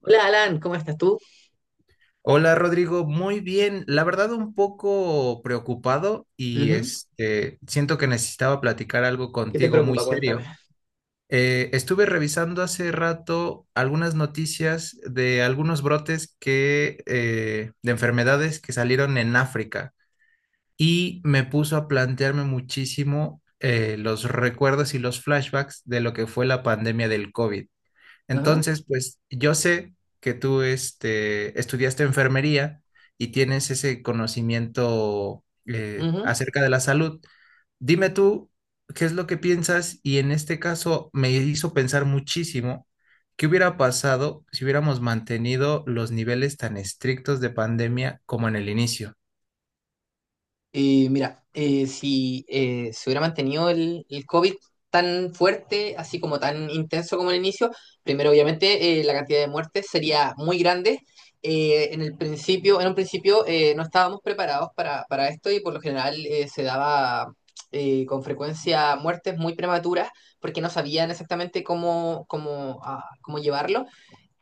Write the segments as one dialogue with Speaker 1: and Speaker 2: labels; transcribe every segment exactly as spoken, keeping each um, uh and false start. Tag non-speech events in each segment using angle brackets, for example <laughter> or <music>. Speaker 1: Hola Alan, ¿cómo estás tú?
Speaker 2: Hola Rodrigo, muy bien. La verdad un poco preocupado y
Speaker 1: Ujú.
Speaker 2: este siento que necesitaba platicar algo
Speaker 1: ¿Qué te
Speaker 2: contigo muy
Speaker 1: preocupa?
Speaker 2: serio.
Speaker 1: Cuéntame.
Speaker 2: Eh, estuve revisando hace rato algunas noticias de algunos brotes que eh, de enfermedades que salieron en África y me puso a plantearme muchísimo eh, los recuerdos y los flashbacks de lo que fue la pandemia del COVID.
Speaker 1: Ajá,
Speaker 2: Entonces, pues yo sé que tú este, estudiaste enfermería y tienes ese conocimiento eh,
Speaker 1: ujú.
Speaker 2: acerca de la salud. Dime tú, ¿qué es lo que piensas? Y en este caso me hizo pensar muchísimo qué hubiera pasado si hubiéramos mantenido los niveles tan estrictos de pandemia como en el inicio.
Speaker 1: Eh, mira, eh, si eh, se hubiera mantenido el, el COVID tan fuerte, así como tan intenso como el inicio, primero obviamente eh, la cantidad de muertes sería muy grande. Eh, en el principio, en un principio eh, no estábamos preparados para, para esto y por lo general eh, se daba eh, con frecuencia muertes muy prematuras porque no sabían exactamente cómo, cómo, ah, cómo llevarlo.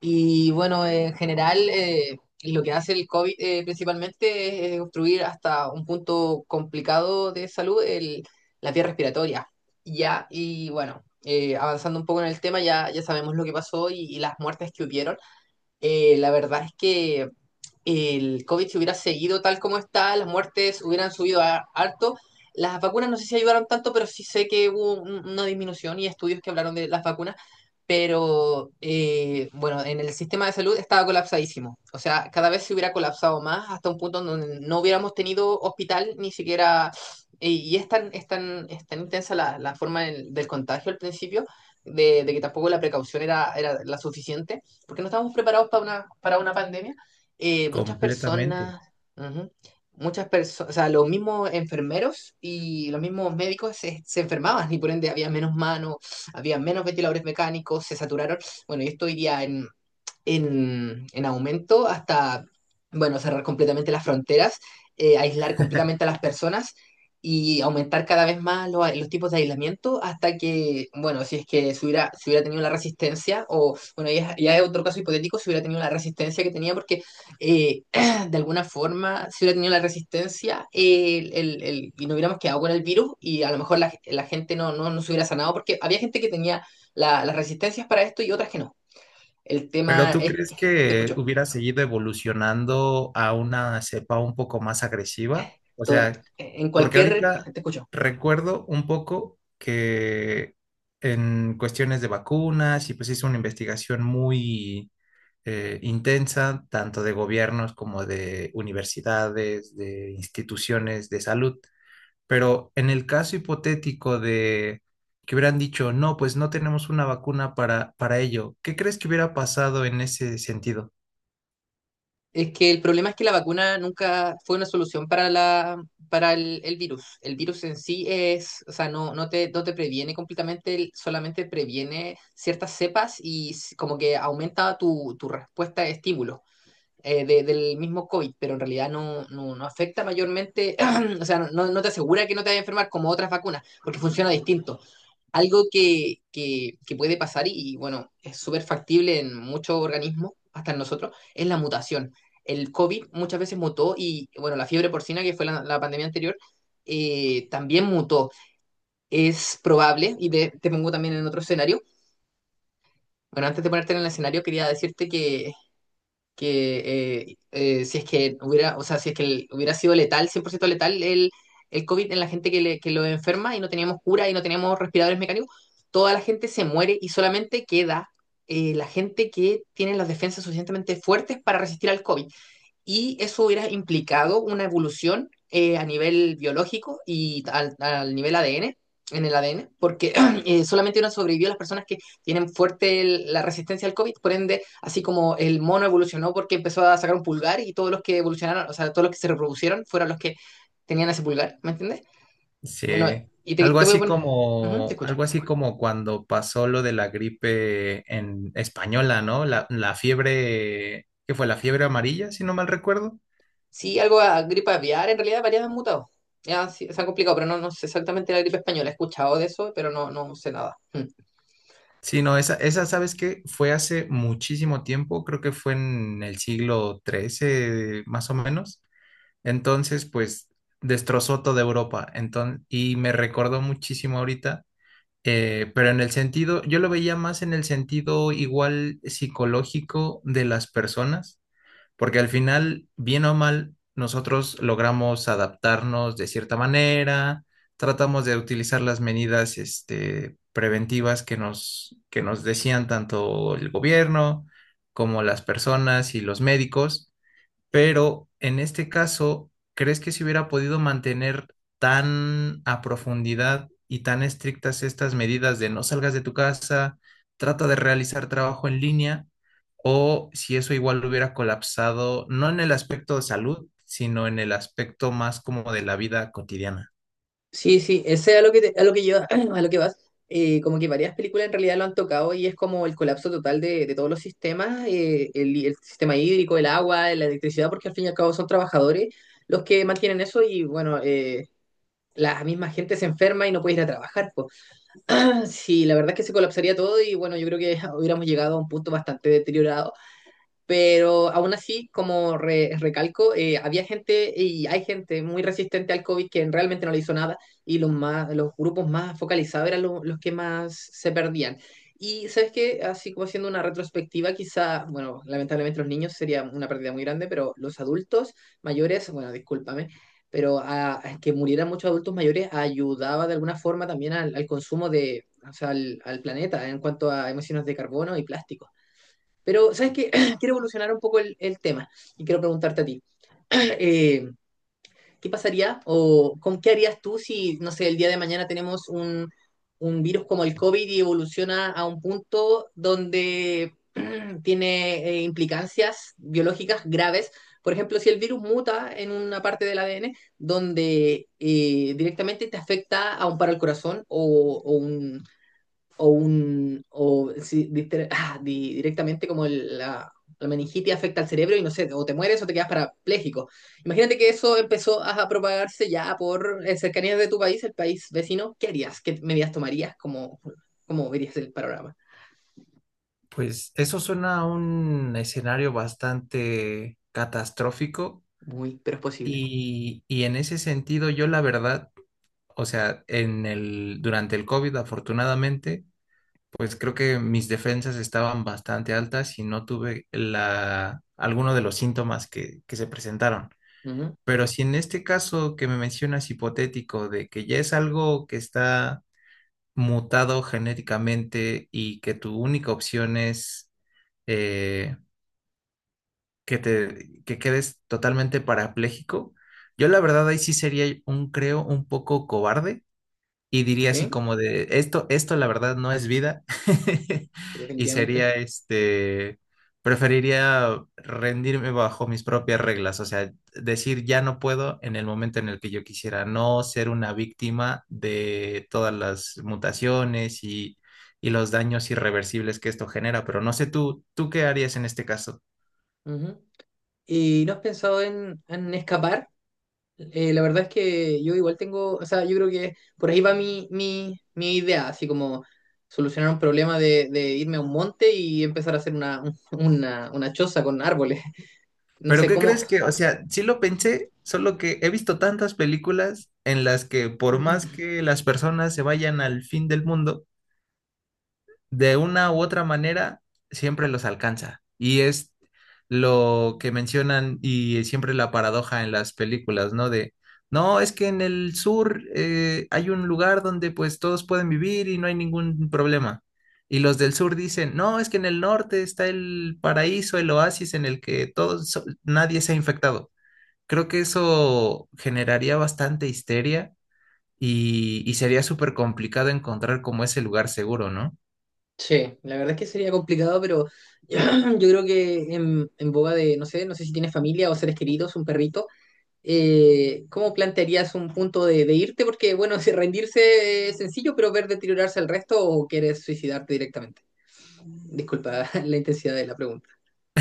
Speaker 1: Y bueno, en general, eh, lo que hace el COVID eh, principalmente es obstruir hasta un punto complicado de salud el- la vía respiratoria. Ya, y bueno, eh, avanzando un poco en el tema, ya, ya sabemos lo que pasó y, y las muertes que hubieron. Eh, la verdad es que el COVID se hubiera seguido tal como está, las muertes hubieran subido a, harto. Las vacunas no sé si ayudaron tanto, pero sí sé que hubo un- una disminución y estudios que hablaron de las vacunas. Pero eh, bueno, en el sistema de salud estaba colapsadísimo. O sea, cada vez se hubiera colapsado más hasta un punto en donde no hubiéramos tenido hospital ni siquiera. eh, Y es tan, es tan, es tan intensa la, la forma del, del contagio al principio, de, de que tampoco la precaución era, era la suficiente, porque no estábamos preparados para una, para una pandemia, eh, muchas
Speaker 2: Completamente.
Speaker 1: personas, ujú, muchas personas, o sea, los mismos enfermeros y los mismos médicos se, se enfermaban y por ende había menos manos, había menos ventiladores mecánicos, se saturaron. Bueno, y esto iría en, en, en aumento hasta, bueno, cerrar completamente las fronteras, eh, aislar completamente a las personas y aumentar cada vez más lo- los, tipos de aislamiento hasta que, bueno, si es que se hubiera, se hubiera tenido la resistencia, o bueno, ya, es- ya es otro caso hipotético, si hubiera tenido la resistencia que tenía, porque eh, <clears throat> de alguna forma, si hubiera tenido la resistencia eh, el, el- el- y no hubiéramos quedado con el virus y a lo mejor la, la gente no, no, no se hubiera sanado, porque había gente que tenía la- las resistencias para esto y otras que no. El
Speaker 2: Pero
Speaker 1: tema
Speaker 2: ¿tú
Speaker 1: es
Speaker 2: crees
Speaker 1: que, te
Speaker 2: que
Speaker 1: escucho,
Speaker 2: hubiera seguido evolucionando a una cepa un poco más agresiva? O
Speaker 1: todo-
Speaker 2: sea...
Speaker 1: en
Speaker 2: Porque
Speaker 1: cualquier,
Speaker 2: ahorita
Speaker 1: te escucho.
Speaker 2: recuerdo un poco que en cuestiones de vacunas y pues hizo una investigación muy eh, intensa, tanto de gobiernos como de universidades, de instituciones de salud. Pero en el caso hipotético de que hubieran dicho, no, pues no tenemos una vacuna para, para ello, ¿qué crees que hubiera pasado en ese sentido?
Speaker 1: Es que el problema es que la vacuna nunca fue una solución para la, para el, el virus. El virus en sí es, o sea, no, no te, no te previene completamente, el- solamente previene ciertas cepas y s- como que aumenta tu, tu respuesta de estímulos. Eh, de- del mismo COVID, pero en realidad no, no, no afecta mayormente, <clears throat> o sea, no, no no te asegura que no te vayas a enfermar como otras vacunas, porque funciona distinto. Algo que, que- que puede pasar y, y, bueno, es súper factible en muchos organismos, hasta en nosotros, es la mutación. El COVID muchas veces mutó y, bueno, la fiebre porcina, que fue la, la pandemia anterior, eh, también mutó. Es probable, y te, te pongo también en otro escenario, bueno, antes de ponerte en el escenario, quería decirte que que eh, eh, si es que hubiera, o sea, si es que el- hubiera sido letal, cien por ciento letal el, el COVID en la gente que, le- que lo enferma y no teníamos cura y no teníamos respiradores mecánicos, toda la gente se muere y solamente queda eh, la gente que tiene las defensas suficientemente fuertes para resistir al COVID y eso hubiera implicado una evolución eh, a nivel biológico y al, al nivel A D N, en el A D N, porque <clears throat> eh, solamente no sobrevivió las personas que tienen fuerte el- la resistencia al COVID, por ende, así como el mono evolucionó porque empezó a sacar un pulgar y todos los que evolucionaron, o sea, todos los que se reproducieron fueron los que tenían ese pulgar, ¿me entiendes? Bueno,
Speaker 2: Sí,
Speaker 1: y te,
Speaker 2: algo
Speaker 1: te voy a
Speaker 2: así
Speaker 1: poner, ujú, te
Speaker 2: como,
Speaker 1: escucho.
Speaker 2: algo así como cuando pasó lo de la gripe en española, ¿no? La, la fiebre, ¿qué fue? La fiebre amarilla, si no mal recuerdo.
Speaker 1: Sí, algo a gripe aviar, en realidad varias han mutado. Ya, sí, se han complicado, pero no, no sé exactamente la gripe española. He escuchado de eso, pero no, no sé nada. Mm.
Speaker 2: Sí, no, esa, esa, ¿sabes qué? Fue hace muchísimo tiempo, creo que fue en el siglo trece, más o menos. Entonces, pues, destrozó toda Europa. Entonces, y me recordó muchísimo ahorita. Eh, pero en el sentido, yo lo veía más en el sentido igual psicológico de las personas porque al final, bien o mal, nosotros logramos adaptarnos de cierta manera, tratamos de utilizar las medidas, este, preventivas que nos, que nos decían tanto el gobierno como las personas y los médicos, pero en este caso, ¿crees que se hubiera podido mantener tan a profundidad y tan estrictas estas medidas de no salgas de tu casa, trata de realizar trabajo en línea, o si eso igual hubiera colapsado, no en el aspecto de salud, sino en el aspecto más como de la vida cotidiana?
Speaker 1: Sí, sí, ese es a lo que, te- a lo que yo, <clears throat> a lo que vas. Eh, como que varias películas en realidad lo han tocado y es como el colapso total de, de todos los sistemas, eh, el, el sistema hídrico, el agua, la electricidad, porque al fin y al cabo son trabajadores los que mantienen eso y bueno, eh, la misma gente se enferma y no puede ir a trabajar, po. <clears throat> Sí, la verdad es que se colapsaría todo y bueno, yo creo que <laughs> hubiéramos llegado a un punto bastante deteriorado, pero aún así, como re- recalco, eh, había gente y hay gente muy resistente al COVID que realmente no le hizo nada y los, más, los grupos más focalizados eran lo- los que más se perdían. Y sabes que, así como haciendo una retrospectiva, quizá, bueno, lamentablemente los niños sería una pérdida muy grande, pero los adultos mayores, bueno, discúlpame, pero a, a que murieran muchos adultos mayores ayudaba de alguna forma también al, al consumo de, o sea, al, al planeta en cuanto a emisiones de carbono y plástico. Pero, ¿sabes qué? <clears throat> Quiero evolucionar un poco el, el tema y quiero preguntarte a ti, <clears throat> eh, ¿qué pasaría o con qué harías tú si, no sé, el día de mañana tenemos un, un virus como el COVID y evoluciona a un punto donde <clears throat> tiene eh, implicancias biológicas graves? Por ejemplo, si el virus muta en una parte del A D N donde eh, directamente te afecta a un paro al corazón o, o un, o un o si diste- <laughs> ah, di- directamente como el- la, la meningitis afecta al cerebro y no sé, o te mueres o te quedas parapléjico. Imagínate que eso empezó a propagarse ya por eh, cercanías de tu país, el país vecino. ¿Qué harías? ¿Qué medidas tomarías? ¿Cómo, ¿cómo verías el panorama?
Speaker 2: Pues eso suena a un escenario bastante catastrófico.
Speaker 1: Muy, pero es posible.
Speaker 2: Y, y en ese sentido, yo la verdad o sea, en el, durante el COVID, afortunadamente, pues creo que mis defensas estaban bastante altas y no tuve la, alguno de los síntomas que, que se presentaron.
Speaker 1: Ujú.
Speaker 2: Pero si en este caso que me mencionas hipotético de que ya es algo que está mutado genéticamente y que tu única opción es eh, que te que quedes totalmente parapléjico, yo la verdad ahí sí sería un, creo, un poco cobarde. Y diría así
Speaker 1: Sí,
Speaker 2: como de, esto, esto la verdad no es vida. <laughs> Y
Speaker 1: definitivamente.
Speaker 2: sería este, preferiría rendirme bajo mis propias reglas, o sea, decir ya no puedo en el momento en el que yo quisiera, no ser una víctima de todas las mutaciones y, y los daños irreversibles que esto genera. Pero no sé tú, ¿tú qué harías en este caso?
Speaker 1: Ujú. ¿Y no has pensado en, en escapar? Eh, la verdad es que yo igual tengo, o sea, yo creo que por ahí va mi, mi, mi idea, así como solucionar un problema de, de irme a un monte y empezar a hacer una, <laughs> una, una choza con árboles. <laughs> No
Speaker 2: Pero
Speaker 1: sé
Speaker 2: ¿qué
Speaker 1: cómo...
Speaker 2: crees que, o sea, sí lo pensé, solo que he visto tantas películas en las que por más
Speaker 1: <laughs>
Speaker 2: que las personas se vayan al fin del mundo, de una u otra manera, siempre los alcanza. Y es lo que mencionan y siempre la paradoja en las películas, ¿no? De, no, es que en el sur eh, hay un lugar donde pues todos pueden vivir y no hay ningún problema. Y los del sur dicen, no, es que en el norte está el paraíso, el oasis en el que todos, nadie se ha infectado. Creo que eso generaría bastante histeria y, y sería súper complicado encontrar como ese lugar seguro, ¿no?
Speaker 1: Sí, la verdad es que sería complicado, pero <clears throat> yo creo que en, en boga de, no sé, no sé si tienes familia o seres queridos, un perrito, eh, ¿cómo plantearías un punto de, de irte? Porque, bueno, <laughs> si rendirse es sencillo, pero ver deteriorarse al resto o quieres suicidarte directamente. Disculpa <laughs> la intensidad de la pregunta.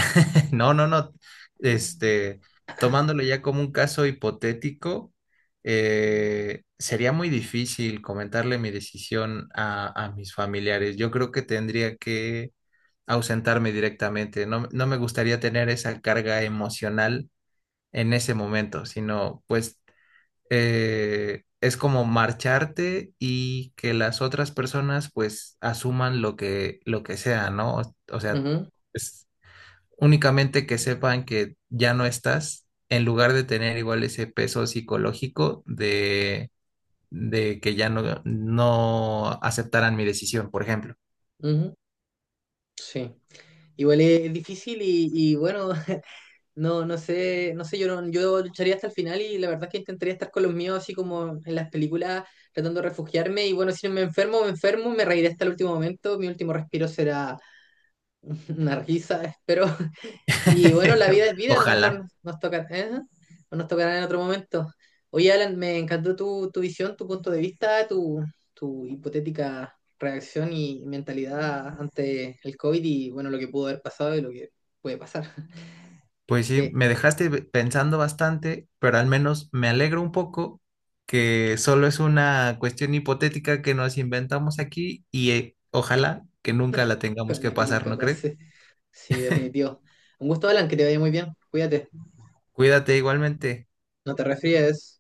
Speaker 2: <laughs> No, no, no. Este, tomándolo ya como un caso hipotético, eh, sería muy difícil comentarle mi decisión a, a mis familiares. Yo creo que tendría que ausentarme directamente. No, no me gustaría tener esa carga emocional en ese momento, sino pues eh, es como marcharte y que las otras personas pues asuman lo que, lo que sea, ¿no? O sea,
Speaker 1: Ujú,
Speaker 2: es únicamente que sepan que ya no estás, en lugar de tener igual ese peso psicológico de, de que ya no, no aceptaran mi decisión, por ejemplo.
Speaker 1: ujú, sí. Igual es difícil y, y bueno, <laughs> no, no sé, no sé, yo no- yo lucharía hasta el final y la verdad es que intentaría estar con los míos así como en las películas, tratando de refugiarme y bueno, si me enfermo, me enfermo, me reiré hasta el último momento, mi último respiro será <laughs> una risa, espero. Y bueno, la
Speaker 2: <laughs>
Speaker 1: vida es vida, a lo mejor
Speaker 2: Ojalá.
Speaker 1: nos, nos toca, ¿eh? O nos tocará en otro momento. Oye, Alan, me encantó tu, tu visión, tu punto de vista, tu, tu hipotética reacción y mentalidad ante el COVID y bueno, lo que pudo haber pasado y lo que puede pasar, <laughs>
Speaker 2: Pues sí,
Speaker 1: que
Speaker 2: me dejaste be- pensando bastante, pero al menos me alegro un poco que solo es una cuestión hipotética que nos inventamos aquí y eh, ojalá que nunca la tengamos que
Speaker 1: la que
Speaker 2: pasar,
Speaker 1: nunca
Speaker 2: ¿no crees?
Speaker 1: pase. Sí, definitivo. Un gusto, Alan, que te vaya muy bien. Cuídate,
Speaker 2: Cuídate igualmente.
Speaker 1: no te resfríes.